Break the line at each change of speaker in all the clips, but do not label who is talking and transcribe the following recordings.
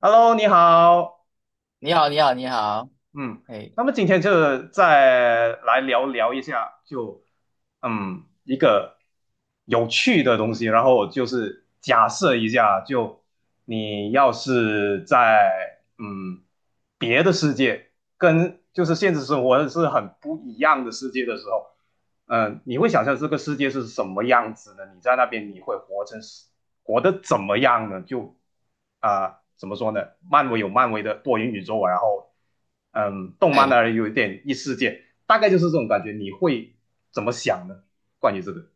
Hello，你好，
你好，你好，你好，
嗯，
哎
那么今天就再来聊聊一下，就一个有趣的东西，然后就是假设一下，就你要是在别的世界，跟就是现实生活是很不一样的世界的时候，你会想象这个世界是什么样子呢？你在那边你会活得怎么样呢？就怎么说呢？漫威有漫威的多元宇宙，然后动漫
哎，
呢有一点异世界，大概就是这种感觉。你会怎么想呢？关于这个，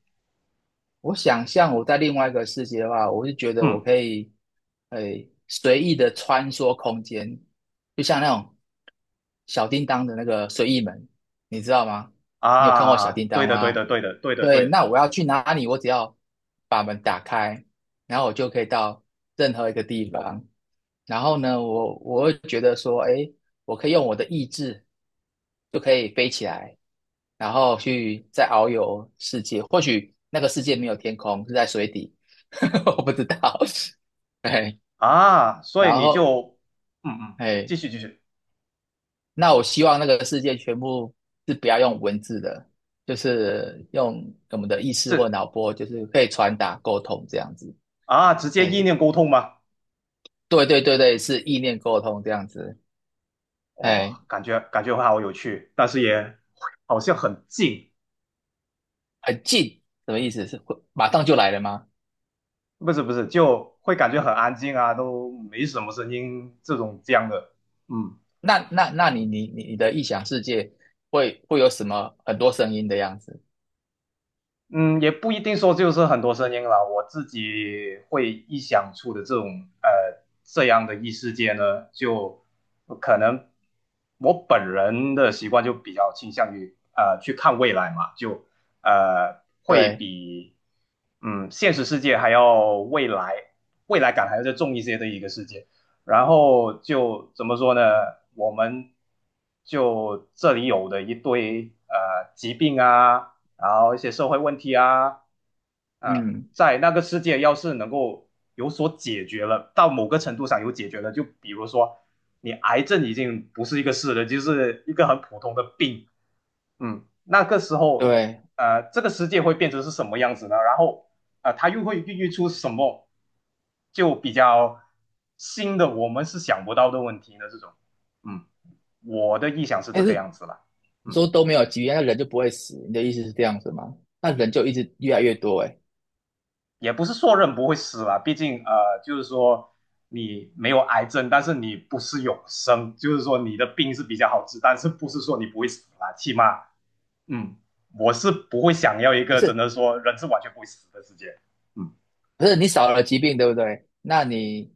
我想象我在另外一个世界的话，我就觉得我
嗯
可以，哎，随意的穿梭空间，就像那种小叮当的那个随意门，你知道吗？你有看过小
啊，
叮
对
当
的，对
吗？
的，对的，对的，对
对，
的
那我要去哪里？我只要把门打开，然后我就可以到任何一个地方。然后呢，我会觉得说，诶，我可以用我的意志就可以飞起来，然后去再遨游世界。或许那个世界没有天空，是在水底，我不知道。哎，
啊，所
然
以你
后
就嗯嗯，
哎。
继续继续，
那我希望那个世界全部是不要用文字的，就是用我们的意识
这
或脑波，就是可以传达沟通这样子。
啊，直接意
哎，
念沟通吗？
对对对对，是意念沟通这样子。
哇，
哎，
感觉会好有趣，但是也好像很近。
很近，什么意思？是会马上就来了吗？
不是不是，就会感觉很安静啊，都没什么声音这种这样的，嗯。
那你的臆想世界会有什么很多声音的样子？
嗯，也不一定说就是很多声音了。我自己会臆想出的这种这样的异世界呢，就可能我本人的习惯就比较倾向于去看未来嘛，就会
对，
比现实世界还要未来未来感还要再重一些的一个世界。然后就怎么说呢？我们就这里有的一堆疾病啊。然后一些社会问题啊，啊，
嗯，
在那个世界要是能够有所解决了，到某个程度上有解决了，就比如说你癌症已经不是一个事了，就是一个很普通的病，那个时候，
对。
这个世界会变成是什么样子呢？然后，啊，它又会孕育出什么，就比较新的我们是想不到的问题呢？这种，嗯，我的臆想是这
但
个
是
样子了，
你
嗯。
说都没有疾病，那人就不会死，你的意思是这样子吗？那人就一直越来越多哎、欸，哎，
也不是说人不会死啦，毕竟，就是说你没有癌症，但是你不是永生，就是说你的病是比较好治，但是不是说你不会死啦，起码嗯，我是不会想要一
可
个真
是
的说人是完全不会死的世界，嗯
不是你少了疾病，对不对？那你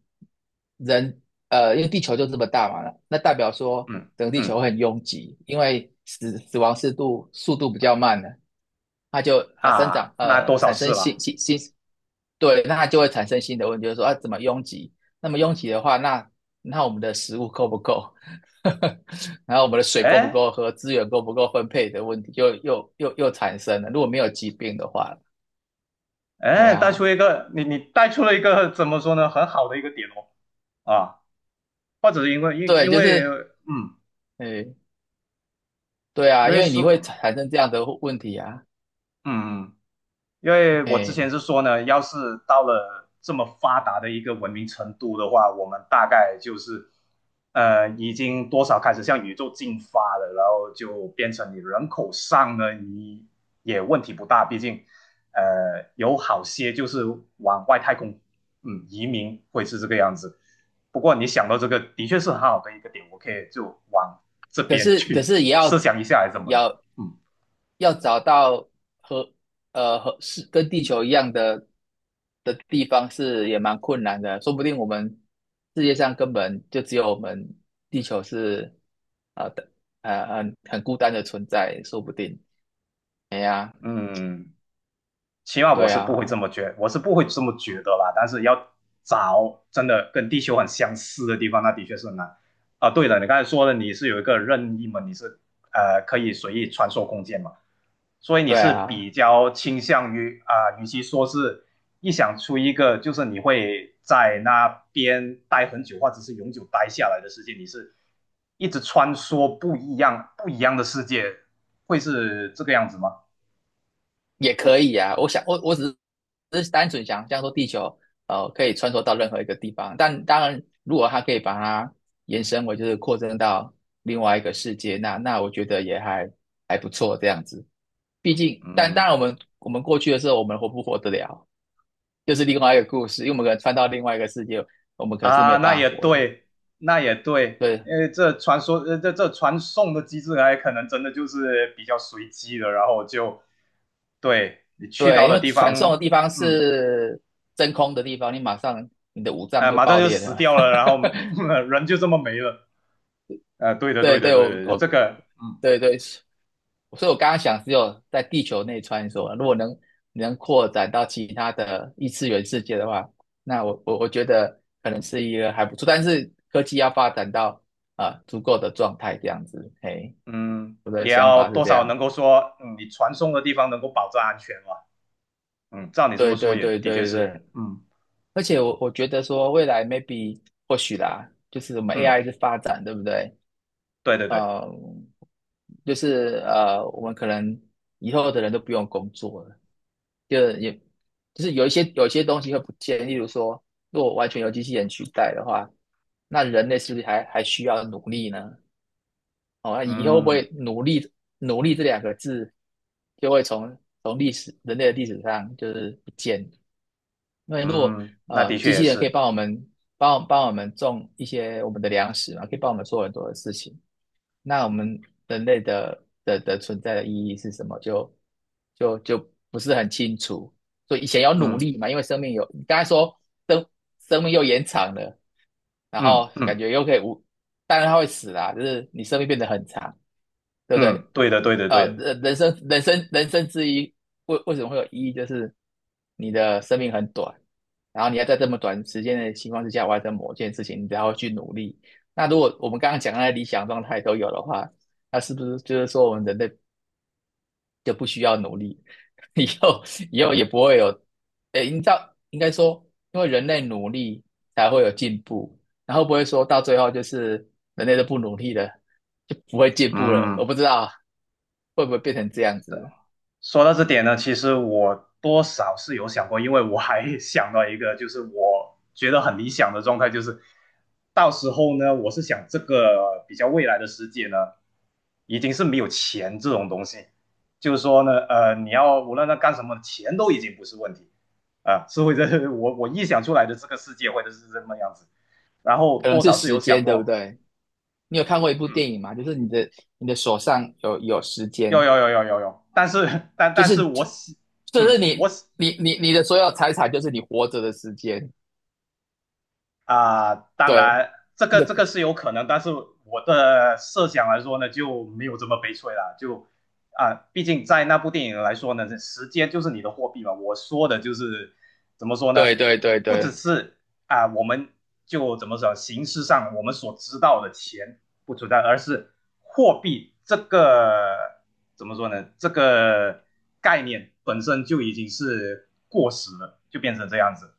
人因为地球就这么大嘛，那代表说
嗯
整个地球
嗯
会很拥挤，因为死亡速度比较慢了，它就生
啊，
长
那多少
产
事
生新
了，
新新，对，那它就会产生新的问题，就是说啊怎么拥挤？那么拥挤的话，那我们的食物够不够？然后我们的水够不
哎
够喝？资源够不够分配的问题又产生了。如果没有疾病的话，哎
哎，带出
呀，
一个你带出了一个怎么说呢，很好的一个点哦啊，或者是因为因
对，
因
就
为
是。哎，对
因
啊，因
为
为你
说
会产生这样的问题啊，
嗯。嗯因为我之前
哎，
是说呢，要是到了这么发达的一个文明程度的话，我们大概就是已经多少开始向宇宙进发了，然后就变成你人口上呢，你也问题不大，毕竟有好些就是往外太空移民会是这个样子。不过你想到这个，的确是很好的一个点，我可以就往这
可
边
是可
去
是也 要
设想一下，还是怎么的？
要
嗯
找到和和是跟地球一样的地方是也蛮困难的，说不定我们世界上根本就只有我们地球是的很孤单的存在，说不定。
嗯。起码我
对
是不会
啊，
这么觉，我是不会这么觉得啦。但是要找真的跟地球很相似的地方，那的确是很难啊。对了，你刚才说的你是有一个任意门，你是可以随意穿梭空间嘛，所以你
对
是
啊，
比较倾向于与其说是一想出一个就是你会在那边待很久或者是永久待下来的世界，你是一直穿梭不一样不一样的世界，会是这个样子吗？
也可以啊。我想，我只是单纯想象说地球可以穿梭到任何一个地方，但当然，如果它可以把它延伸为就是扩增到另外一个世界，那我觉得也还不错这样子。毕竟，但当
嗯。
然我们过去的时候，我们活不活得了，就是另外一个故事，因为我们可能穿到另外一个世界，我们可能是没
啊，
有
那
办法
也
活的。
对，那也对，
对
因为这传说，呃，这这传送的机制还可能真的就是比较随机的，然后就对你去到
对，因
的
为
地
传送的
方，
地方
嗯，
是真空的地方，你马上你的五脏就
马上
爆
就
裂
死
了。
掉了，然后、人就这么没了，对的，
对
对的，
对，
对的，这个，嗯
对对，所以我刚刚想只有在地球内穿梭，如果能扩展到其他的异次元世界的话，那我觉得可能是一个还不错，但是科技要发展到足够的状态这样子，嘿，
嗯，
我的
也
想
要
法是
多
这
少
样。
能够说，你传送的地方能够保证安全嘛，嗯，照你这么
对
说
对
也
对
的确
对
是，
对，
嗯
而且我觉得说未来 maybe 或许啦，就是我们
嗯，
AI 是发展，对不对？
对对对，
呃，就是我们可能以后的人都不用工作了。就是也就是有一些东西会不见，例如说，如果完全由机器人取代的话，那人类是不是还需要努力呢？哦，那以后会
嗯
不会努力，努力这两个字就会从历史，人类的历史上就是不见？因为如果
嗯，那的确
机
也
器人可以
是，
帮帮我们种一些我们的粮食嘛，可以帮我们做很多的事情，那我们人类的存在的意义是什么？就不是很清楚。所以以前要努
嗯
力嘛，因为生命有，你刚才说生生命又延长了，然
嗯
后感
嗯。
觉又可以无，当然它会死啦，就是你生命变得很长，对不对？
嗯，对的，对的，对的，
人生之一，为什么会有意义？就是你的生命很短，然后你要在这么短时间的情况之下完成某件事情，你才会去努力。那如果我们刚刚讲的那理想状态都有的话，那是不是就是说我们人类就不需要努力，以后也不会有，诶，你知道应该说，因为人类努力才会有进步，然后不会说到最后就是人类都不努力了，就不会进步了。我
嗯，
不知道会不会变成这样
对。
子，
说到这点呢，其实我多少是有想过，因为我还 想到一个，就是我觉得很理想的状态，就是到时候呢，我是想这个比较未来的世界呢，已经是没有钱这种东西，就是说呢，你要无论他干什么，钱都已经不是问题啊，是会我臆想出来的这个世界会是这么样子，然后
可能
多
是
少是
时
有想
间，对不
过。
对？你有看过一部
嗯。
电影吗？就是你的手上有时
有
间，
有有有有有，但是但
就
但是
是
我喜，嗯，我喜
你的所有财产就是你活着的时间，
啊、呃当
对，
然这个
你有
这个是有可能，但是我的设想来说呢，就没有这么悲催了。就毕竟在那部电影来说呢，这时间就是你的货币嘛。我说的就是怎么说呢？
对对对
不只
对，
是我们就怎么说，形式上我们所知道的钱不存在，而是货币这个怎么说呢？这个概念本身就已经是过时了，就变成这样子。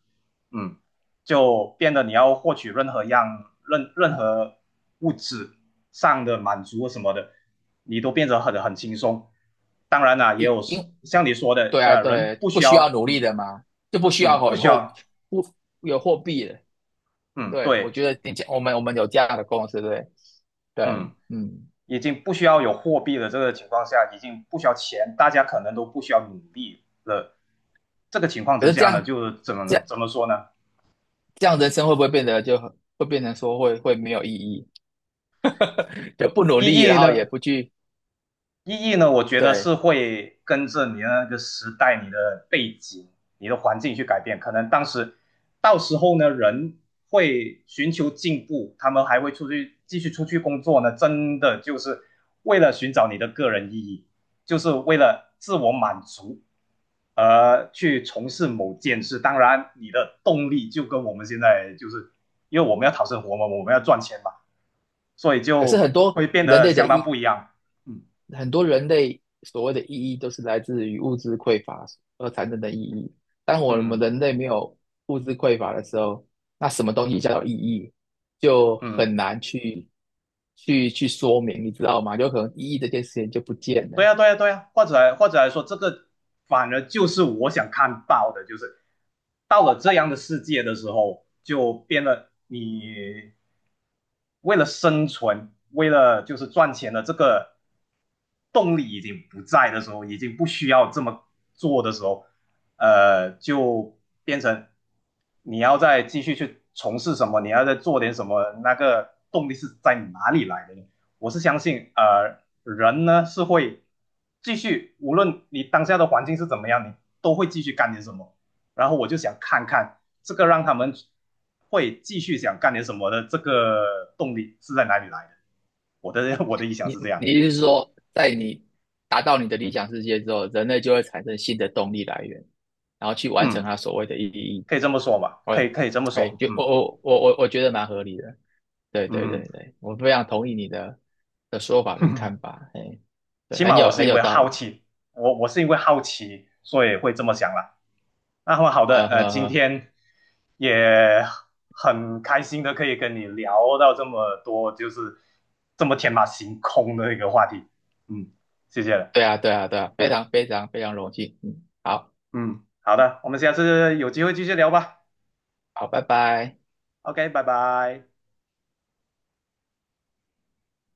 嗯，就变得你要获取任何物质上的满足什么的，你都变得很轻松。当然啦、也
因
有
因
像你说的，
对啊，
人
对，
不
不
需
需要
要，
努力
嗯
的嘛，就不需要
嗯，不
有
需
货
要，
不有货币了。
嗯，
对，我
对，
觉得你讲我们有这样的公司，对
嗯，
对，嗯。
已经不需要有货币的这个情况下，已经不需要钱，大家可能都不需要努力了。这个情况
可
之
是
下呢，就怎么
这样
怎么说呢？
这样人生会不会变得就很会变成说会没有意义，就不努力，
意义
然后也
呢？
不去，
意义呢，我觉得
对。
是会跟着你的那个时代、你的背景、你的环境去改变。可能当时到时候呢，人会寻求进步，他们还会出去继续出去工作呢，真的就是为了寻找你的个人意义，就是为了自我满足。而去从事某件事，当然你的动力就跟我们现在就是，因为我们要讨生活嘛，我们要赚钱嘛，所以
可是
就会变得相当不一样。嗯，
很多人类所谓的意义都是来自于物质匮乏而产生的意义。当我们
嗯
人类没有物质匮乏的时候，那什么东西叫做意义，就
嗯，
很难去说明，你知道吗？有可能意义这件事情就不见了。
对呀对呀对呀，或者来说，这个反而就是我想看到的，就是到了这样的世界的时候，就变得你为了生存，为了就是赚钱的这个动力已经不在的时候，已经不需要这么做的时候，就变成你要再继续去从事什么，你要再做点什么，那个动力是在哪里来的呢？我是相信，人呢是会继续，无论你当下的环境是怎么样，你都会继续干点什么。然后我就想看看这个让他们会继续想干点什么的这个动力是在哪里来的。我的 我的意想是这
你
样，
意思是说，在你达到你的理想世界之后，人类就会产生新的动力来源，然后去完成
嗯，
它所谓的意义？
可以这么说吧，可以
哎
可以这么
哎，
说，
就
嗯
我觉得蛮合理的，对对
嗯
对对，我非常同意你的说法跟看
嗯。
法，哎，对，
起码我是
很
因
有
为
道
好
理，
奇，我是因为好奇，所以会这么想了。那么好的，
呵
今
呵，
天也很开心的可以跟你聊到这么多，就是这么天马行空的一个话题。嗯，谢谢了。
对啊对啊对啊，非常非常非常荣幸，嗯，好
嗯，好的，我们下次有机会继续聊吧。
好，拜拜。
OK，拜拜。